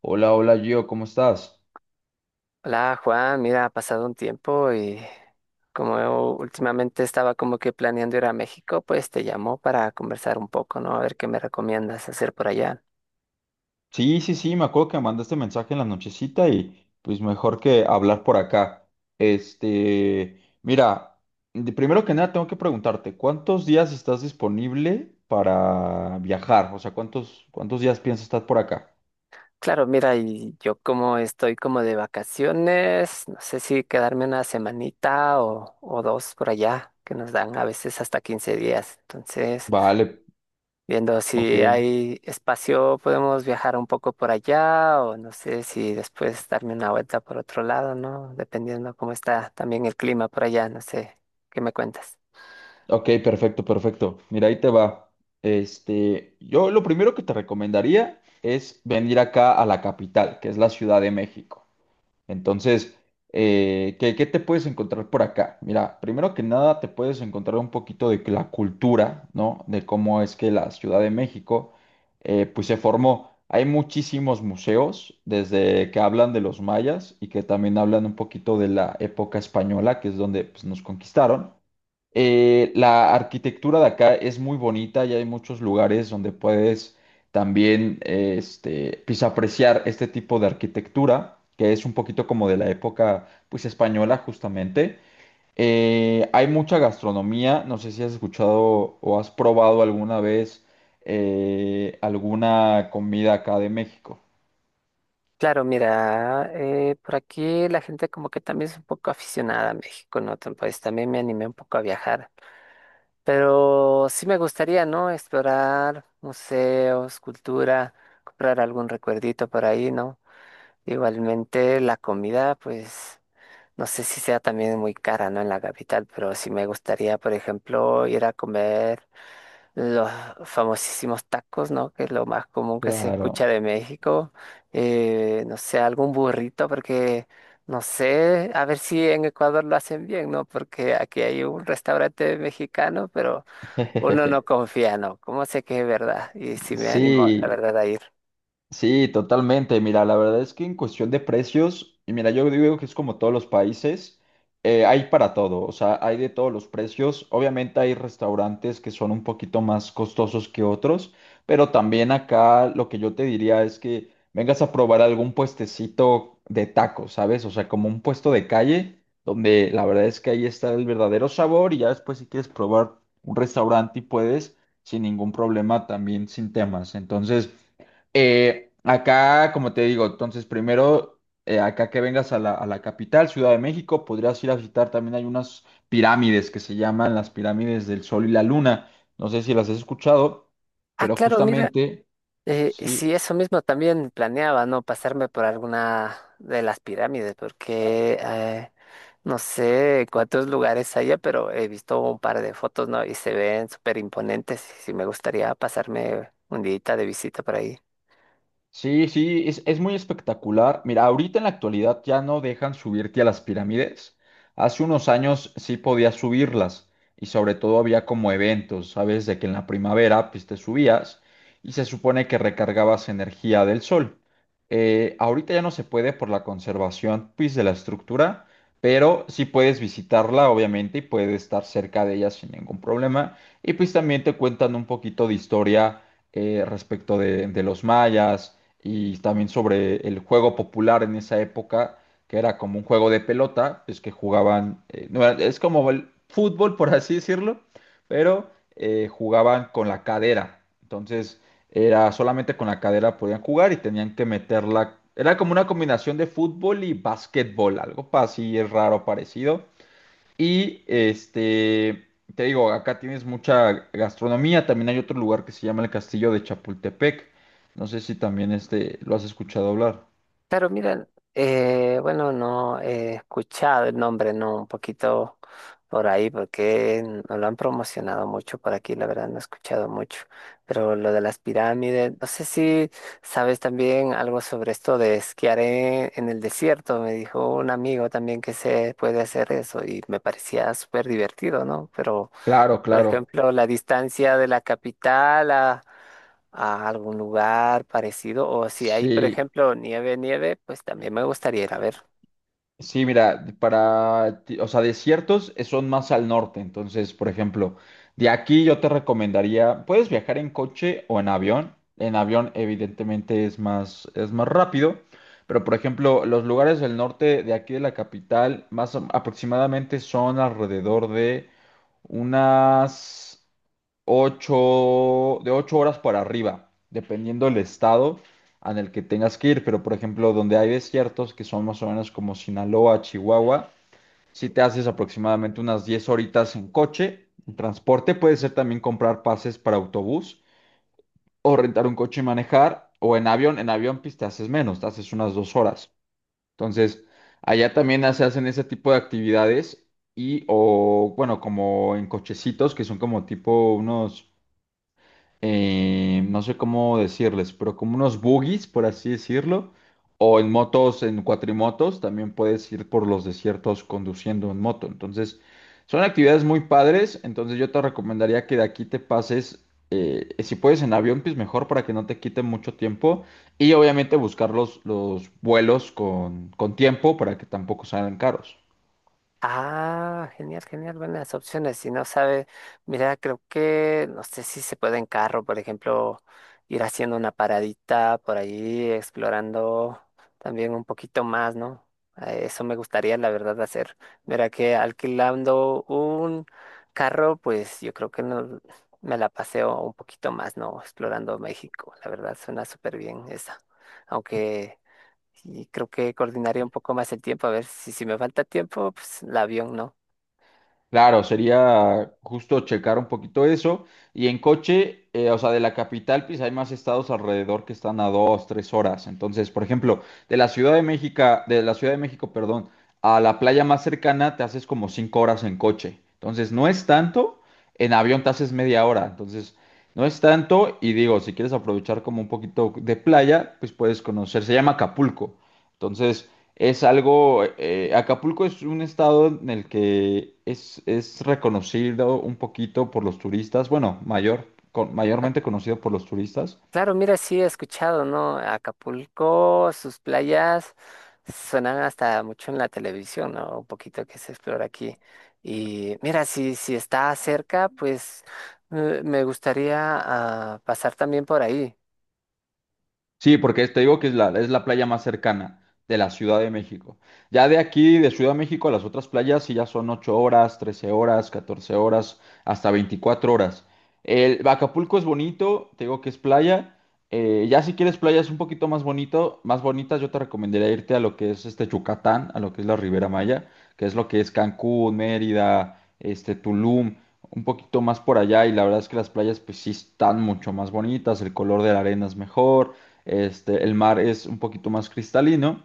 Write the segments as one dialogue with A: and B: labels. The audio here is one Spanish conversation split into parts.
A: Hola, hola Gio, ¿cómo estás?
B: Hola Juan, mira, ha pasado un tiempo y como últimamente estaba como que planeando ir a México, pues te llamo para conversar un poco, ¿no? A ver qué me recomiendas hacer por allá.
A: Sí, sí, sí, me acuerdo que me mandaste mensaje en la nochecita y pues mejor que hablar por acá. Este, mira, Primero que nada tengo que preguntarte, ¿cuántos días estás disponible para viajar? O sea, ¿cuántos días piensas estar por acá?
B: Claro, mira, y yo como estoy como de vacaciones, no sé si quedarme una semanita o dos por allá, que nos dan a veces hasta 15 días. Entonces,
A: Vale,
B: viendo
A: ok,
B: si hay espacio, podemos viajar un poco por allá o no sé si después darme una vuelta por otro lado, ¿no? Dependiendo cómo está también el clima por allá, no sé, ¿qué me cuentas?
A: ok, perfecto, perfecto. Mira, ahí te va. Yo lo primero que te recomendaría es venir acá a la capital, que es la Ciudad de México. Entonces, ¿qué te puedes encontrar por acá? Mira, primero que nada te puedes encontrar un poquito de la cultura, ¿no? De cómo es que la Ciudad de México, pues se formó. Hay muchísimos museos, desde que hablan de los mayas y que también hablan un poquito de la época española, que es donde, pues, nos conquistaron. La arquitectura de acá es muy bonita y hay muchos lugares donde puedes también pues, apreciar este tipo de arquitectura, que es un poquito como de la época, pues, española justamente. Hay mucha gastronomía, no sé si has escuchado o has probado alguna vez alguna comida acá de México.
B: Claro, mira, por aquí la gente como que también es un poco aficionada a México, ¿no? Pues también me animé un poco a viajar, pero sí me gustaría, ¿no? Explorar museos, cultura, comprar algún recuerdito por ahí, ¿no? Igualmente la comida, pues no sé si sea también muy cara, ¿no? En la capital, pero sí me gustaría, por ejemplo, ir a comer los famosísimos tacos, ¿no? Que es lo más común que se
A: Claro.
B: escucha de México. No sé, algún burrito, porque no sé, a ver si en Ecuador lo hacen bien, ¿no? Porque aquí hay un restaurante mexicano, pero uno no confía, ¿no? ¿Cómo sé que es verdad? Y si me animo, la
A: Sí,
B: verdad, a ir.
A: sí, totalmente. Mira, la verdad es que en cuestión de precios, y mira, yo digo que es como todos los países, hay para todo, o sea, hay de todos los precios. Obviamente hay restaurantes que son un poquito más costosos que otros, pero también acá lo que yo te diría es que vengas a probar algún puestecito de tacos, ¿sabes? O sea, como un puesto de calle, donde la verdad es que ahí está el verdadero sabor, y ya después, si quieres probar un restaurante, y puedes sin ningún problema, también sin temas. Entonces... Acá, como te digo, entonces primero, acá que vengas a la capital, Ciudad de México, podrías ir a visitar. También hay unas pirámides que se llaman las pirámides del Sol y la Luna. No sé si las has escuchado,
B: Ah,
A: pero
B: claro, mira.
A: justamente, sí.
B: Sí, eso mismo también planeaba, ¿no? Pasarme por alguna de las pirámides, porque no sé cuántos lugares haya, pero he visto un par de fotos, ¿no? Y se ven súper imponentes. Y sí, me gustaría pasarme un día de visita por ahí.
A: Sí, sí, es muy espectacular. Mira, ahorita en la actualidad ya no dejan subirte a las pirámides. Hace unos años sí podías subirlas, y sobre todo había como eventos, ¿sabes? De que en la primavera pues te subías y se supone que recargabas energía del sol. Ahorita ya no se puede por la conservación pues de la estructura, pero sí puedes visitarla obviamente y puedes estar cerca de ella sin ningún problema. Y pues también te cuentan un poquito de historia respecto de los mayas, y también sobre el juego popular en esa época, que era como un juego de pelota, pues que jugaban, no, es como el fútbol, por así decirlo, pero jugaban con la cadera. Entonces, era solamente con la cadera podían jugar y tenían que meterla. Era como una combinación de fútbol y básquetbol, algo así, es raro parecido. Y te digo, acá tienes mucha gastronomía. También hay otro lugar que se llama el Castillo de Chapultepec. No sé si también este lo has escuchado hablar.
B: Claro, mira, bueno, no he escuchado el nombre, no, un poquito por ahí, porque no lo han promocionado mucho por aquí, la verdad no he escuchado mucho. Pero lo de las pirámides, no sé si sabes también algo sobre esto de esquiar en el desierto. Me dijo un amigo también que se puede hacer eso y me parecía súper divertido, ¿no? Pero
A: Claro,
B: por
A: claro.
B: ejemplo, la distancia de la capital a algún lugar parecido. O si hay, por
A: Sí.
B: ejemplo, nieve, nieve, pues también me gustaría ir a ver.
A: Sí, mira, o sea, desiertos, son más al norte. Entonces, por ejemplo, de aquí yo te recomendaría, puedes viajar en coche o en avión. En avión, evidentemente, es más rápido, pero por ejemplo, los lugares del norte de aquí de la capital, aproximadamente son alrededor de unas 8 horas para arriba, dependiendo del estado en el que tengas que ir. Pero, por ejemplo, donde hay desiertos, que son más o menos como Sinaloa, Chihuahua, si te haces aproximadamente unas 10 horitas en coche, en transporte, puede ser también comprar pases para autobús o rentar un coche y manejar, o en avión. En avión pues te haces menos, te haces unas 2 horas. Entonces, allá también se hacen ese tipo de actividades y, o bueno, como en cochecitos, que son como tipo unos, no sé cómo decirles, pero como unos buggies, por así decirlo, o en motos, en cuatrimotos, también puedes ir por los desiertos conduciendo en moto. Entonces, son actividades muy padres. Entonces, yo te recomendaría que de aquí te pases, si puedes, en avión, pues mejor, para que no te quite mucho tiempo y obviamente buscar los vuelos con tiempo para que tampoco salgan caros.
B: Ah, genial, genial, buenas opciones. Si no sabe, mira, creo que, no sé si se puede en carro, por ejemplo, ir haciendo una paradita por ahí, explorando también un poquito más, ¿no? Eso me gustaría, la verdad, hacer. Mira que alquilando un carro, pues yo creo que no, me la paseo un poquito más, ¿no? Explorando México, la verdad, suena súper bien esa. Aunque y creo que coordinaría un poco más el tiempo, a ver si me falta tiempo, pues el avión no.
A: Claro, sería justo checar un poquito eso. Y en coche, o sea, de la capital, pues hay más estados alrededor que están a dos, tres horas. Entonces, por ejemplo, de la Ciudad de México, de la Ciudad de México, perdón, a la playa más cercana te haces como 5 horas en coche. Entonces, no es tanto. En avión te haces media hora. Entonces, no es tanto. Y digo, si quieres aprovechar como un poquito de playa, pues puedes conocer. Se llama Acapulco. Entonces, es algo, Acapulco es un estado en el que es reconocido un poquito por los turistas, bueno, mayormente conocido por los turistas.
B: Claro, mira, sí he escuchado, ¿no? Acapulco, sus playas suenan hasta mucho en la televisión, ¿no? Un poquito que se explora aquí. Y mira, si está cerca, pues me gustaría ah, pasar también por ahí.
A: Sí, porque te digo que es la playa más cercana de la Ciudad de México. Ya de aquí, de Ciudad de México, a las otras playas sí ya son 8 horas, 13 horas, 14 horas, hasta 24 horas. El Acapulco es bonito, te digo que es playa. Ya si quieres playas un poquito más bonito, más bonitas, yo te recomendaría irte a lo que es este Yucatán, a lo que es la Ribera Maya, que es lo que es Cancún, Mérida, este Tulum, un poquito más por allá, y la verdad es que las playas pues sí están mucho más bonitas, el color de la arena es mejor. Este, el mar es un poquito más cristalino,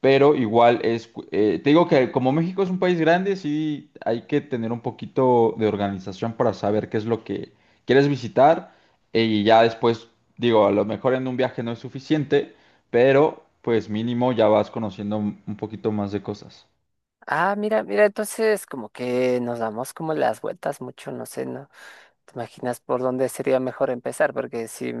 A: pero igual es, te digo que como México es un país grande, sí hay que tener un poquito de organización para saber qué es lo que quieres visitar, y ya después, digo, a lo mejor en un viaje no es suficiente, pero pues mínimo ya vas conociendo un poquito más de cosas.
B: Ah, mira, mira, entonces como que nos damos como las vueltas mucho, no sé, ¿no? ¿Te imaginas por dónde sería mejor empezar? Porque si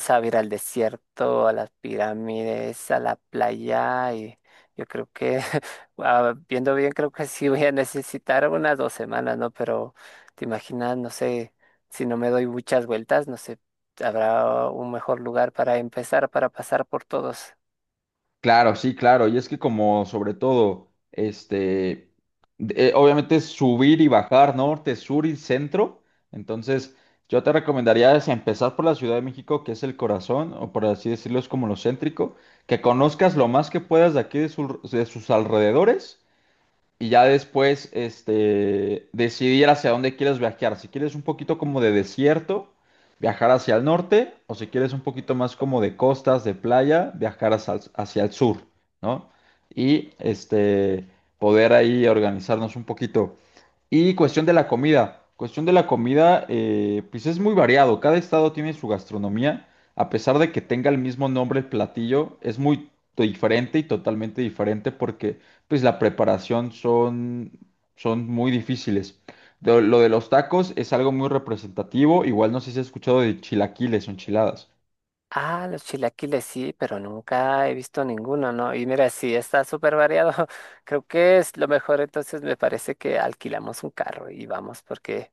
B: sabe ir al desierto, a las pirámides, a la playa y yo creo que, ah, viendo bien, creo que sí voy a necesitar unas 2 semanas, ¿no? Pero te imaginas, no sé, si no me doy muchas vueltas, no sé, habrá un mejor lugar para empezar, para pasar por todos.
A: Claro, sí, claro. Y es que como sobre todo, obviamente es subir y bajar norte, sur y centro. Entonces, yo te recomendaría es empezar por la Ciudad de México, que es el corazón, o por así decirlo, es como lo céntrico, que conozcas lo más que puedas de aquí de, de sus alrededores, y ya después decidir hacia dónde quieres viajar. Si quieres un poquito como de desierto, viajar hacia el norte, o si quieres un poquito más como de costas, de playa, viajar hacia, hacia el sur, ¿no? Y poder ahí organizarnos un poquito. Y cuestión de la comida. Cuestión de la comida, pues es muy variado. Cada estado tiene su gastronomía. A pesar de que tenga el mismo nombre el platillo, es muy diferente, y totalmente diferente porque pues la preparación son muy difíciles. Lo de los tacos es algo muy representativo. Igual no sé si has escuchado de chilaquiles o enchiladas.
B: Ah, los chilaquiles sí, pero nunca he visto ninguno, ¿no? Y mira, sí, está súper variado. Creo que es lo mejor, entonces me parece que alquilamos un carro y vamos porque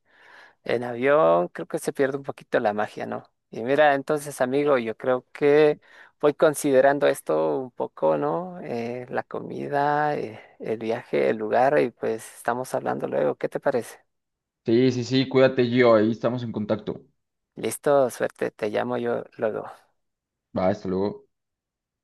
B: en avión creo que se pierde un poquito la magia, ¿no? Y mira, entonces, amigo, yo creo que voy considerando esto un poco, ¿no? La comida, el viaje, el lugar, y pues estamos hablando luego. ¿Qué te parece?
A: Sí, sí, sí, cuídate, Gio. Ahí estamos en contacto.
B: Listo, suerte, te llamo yo luego.
A: Va, hasta luego.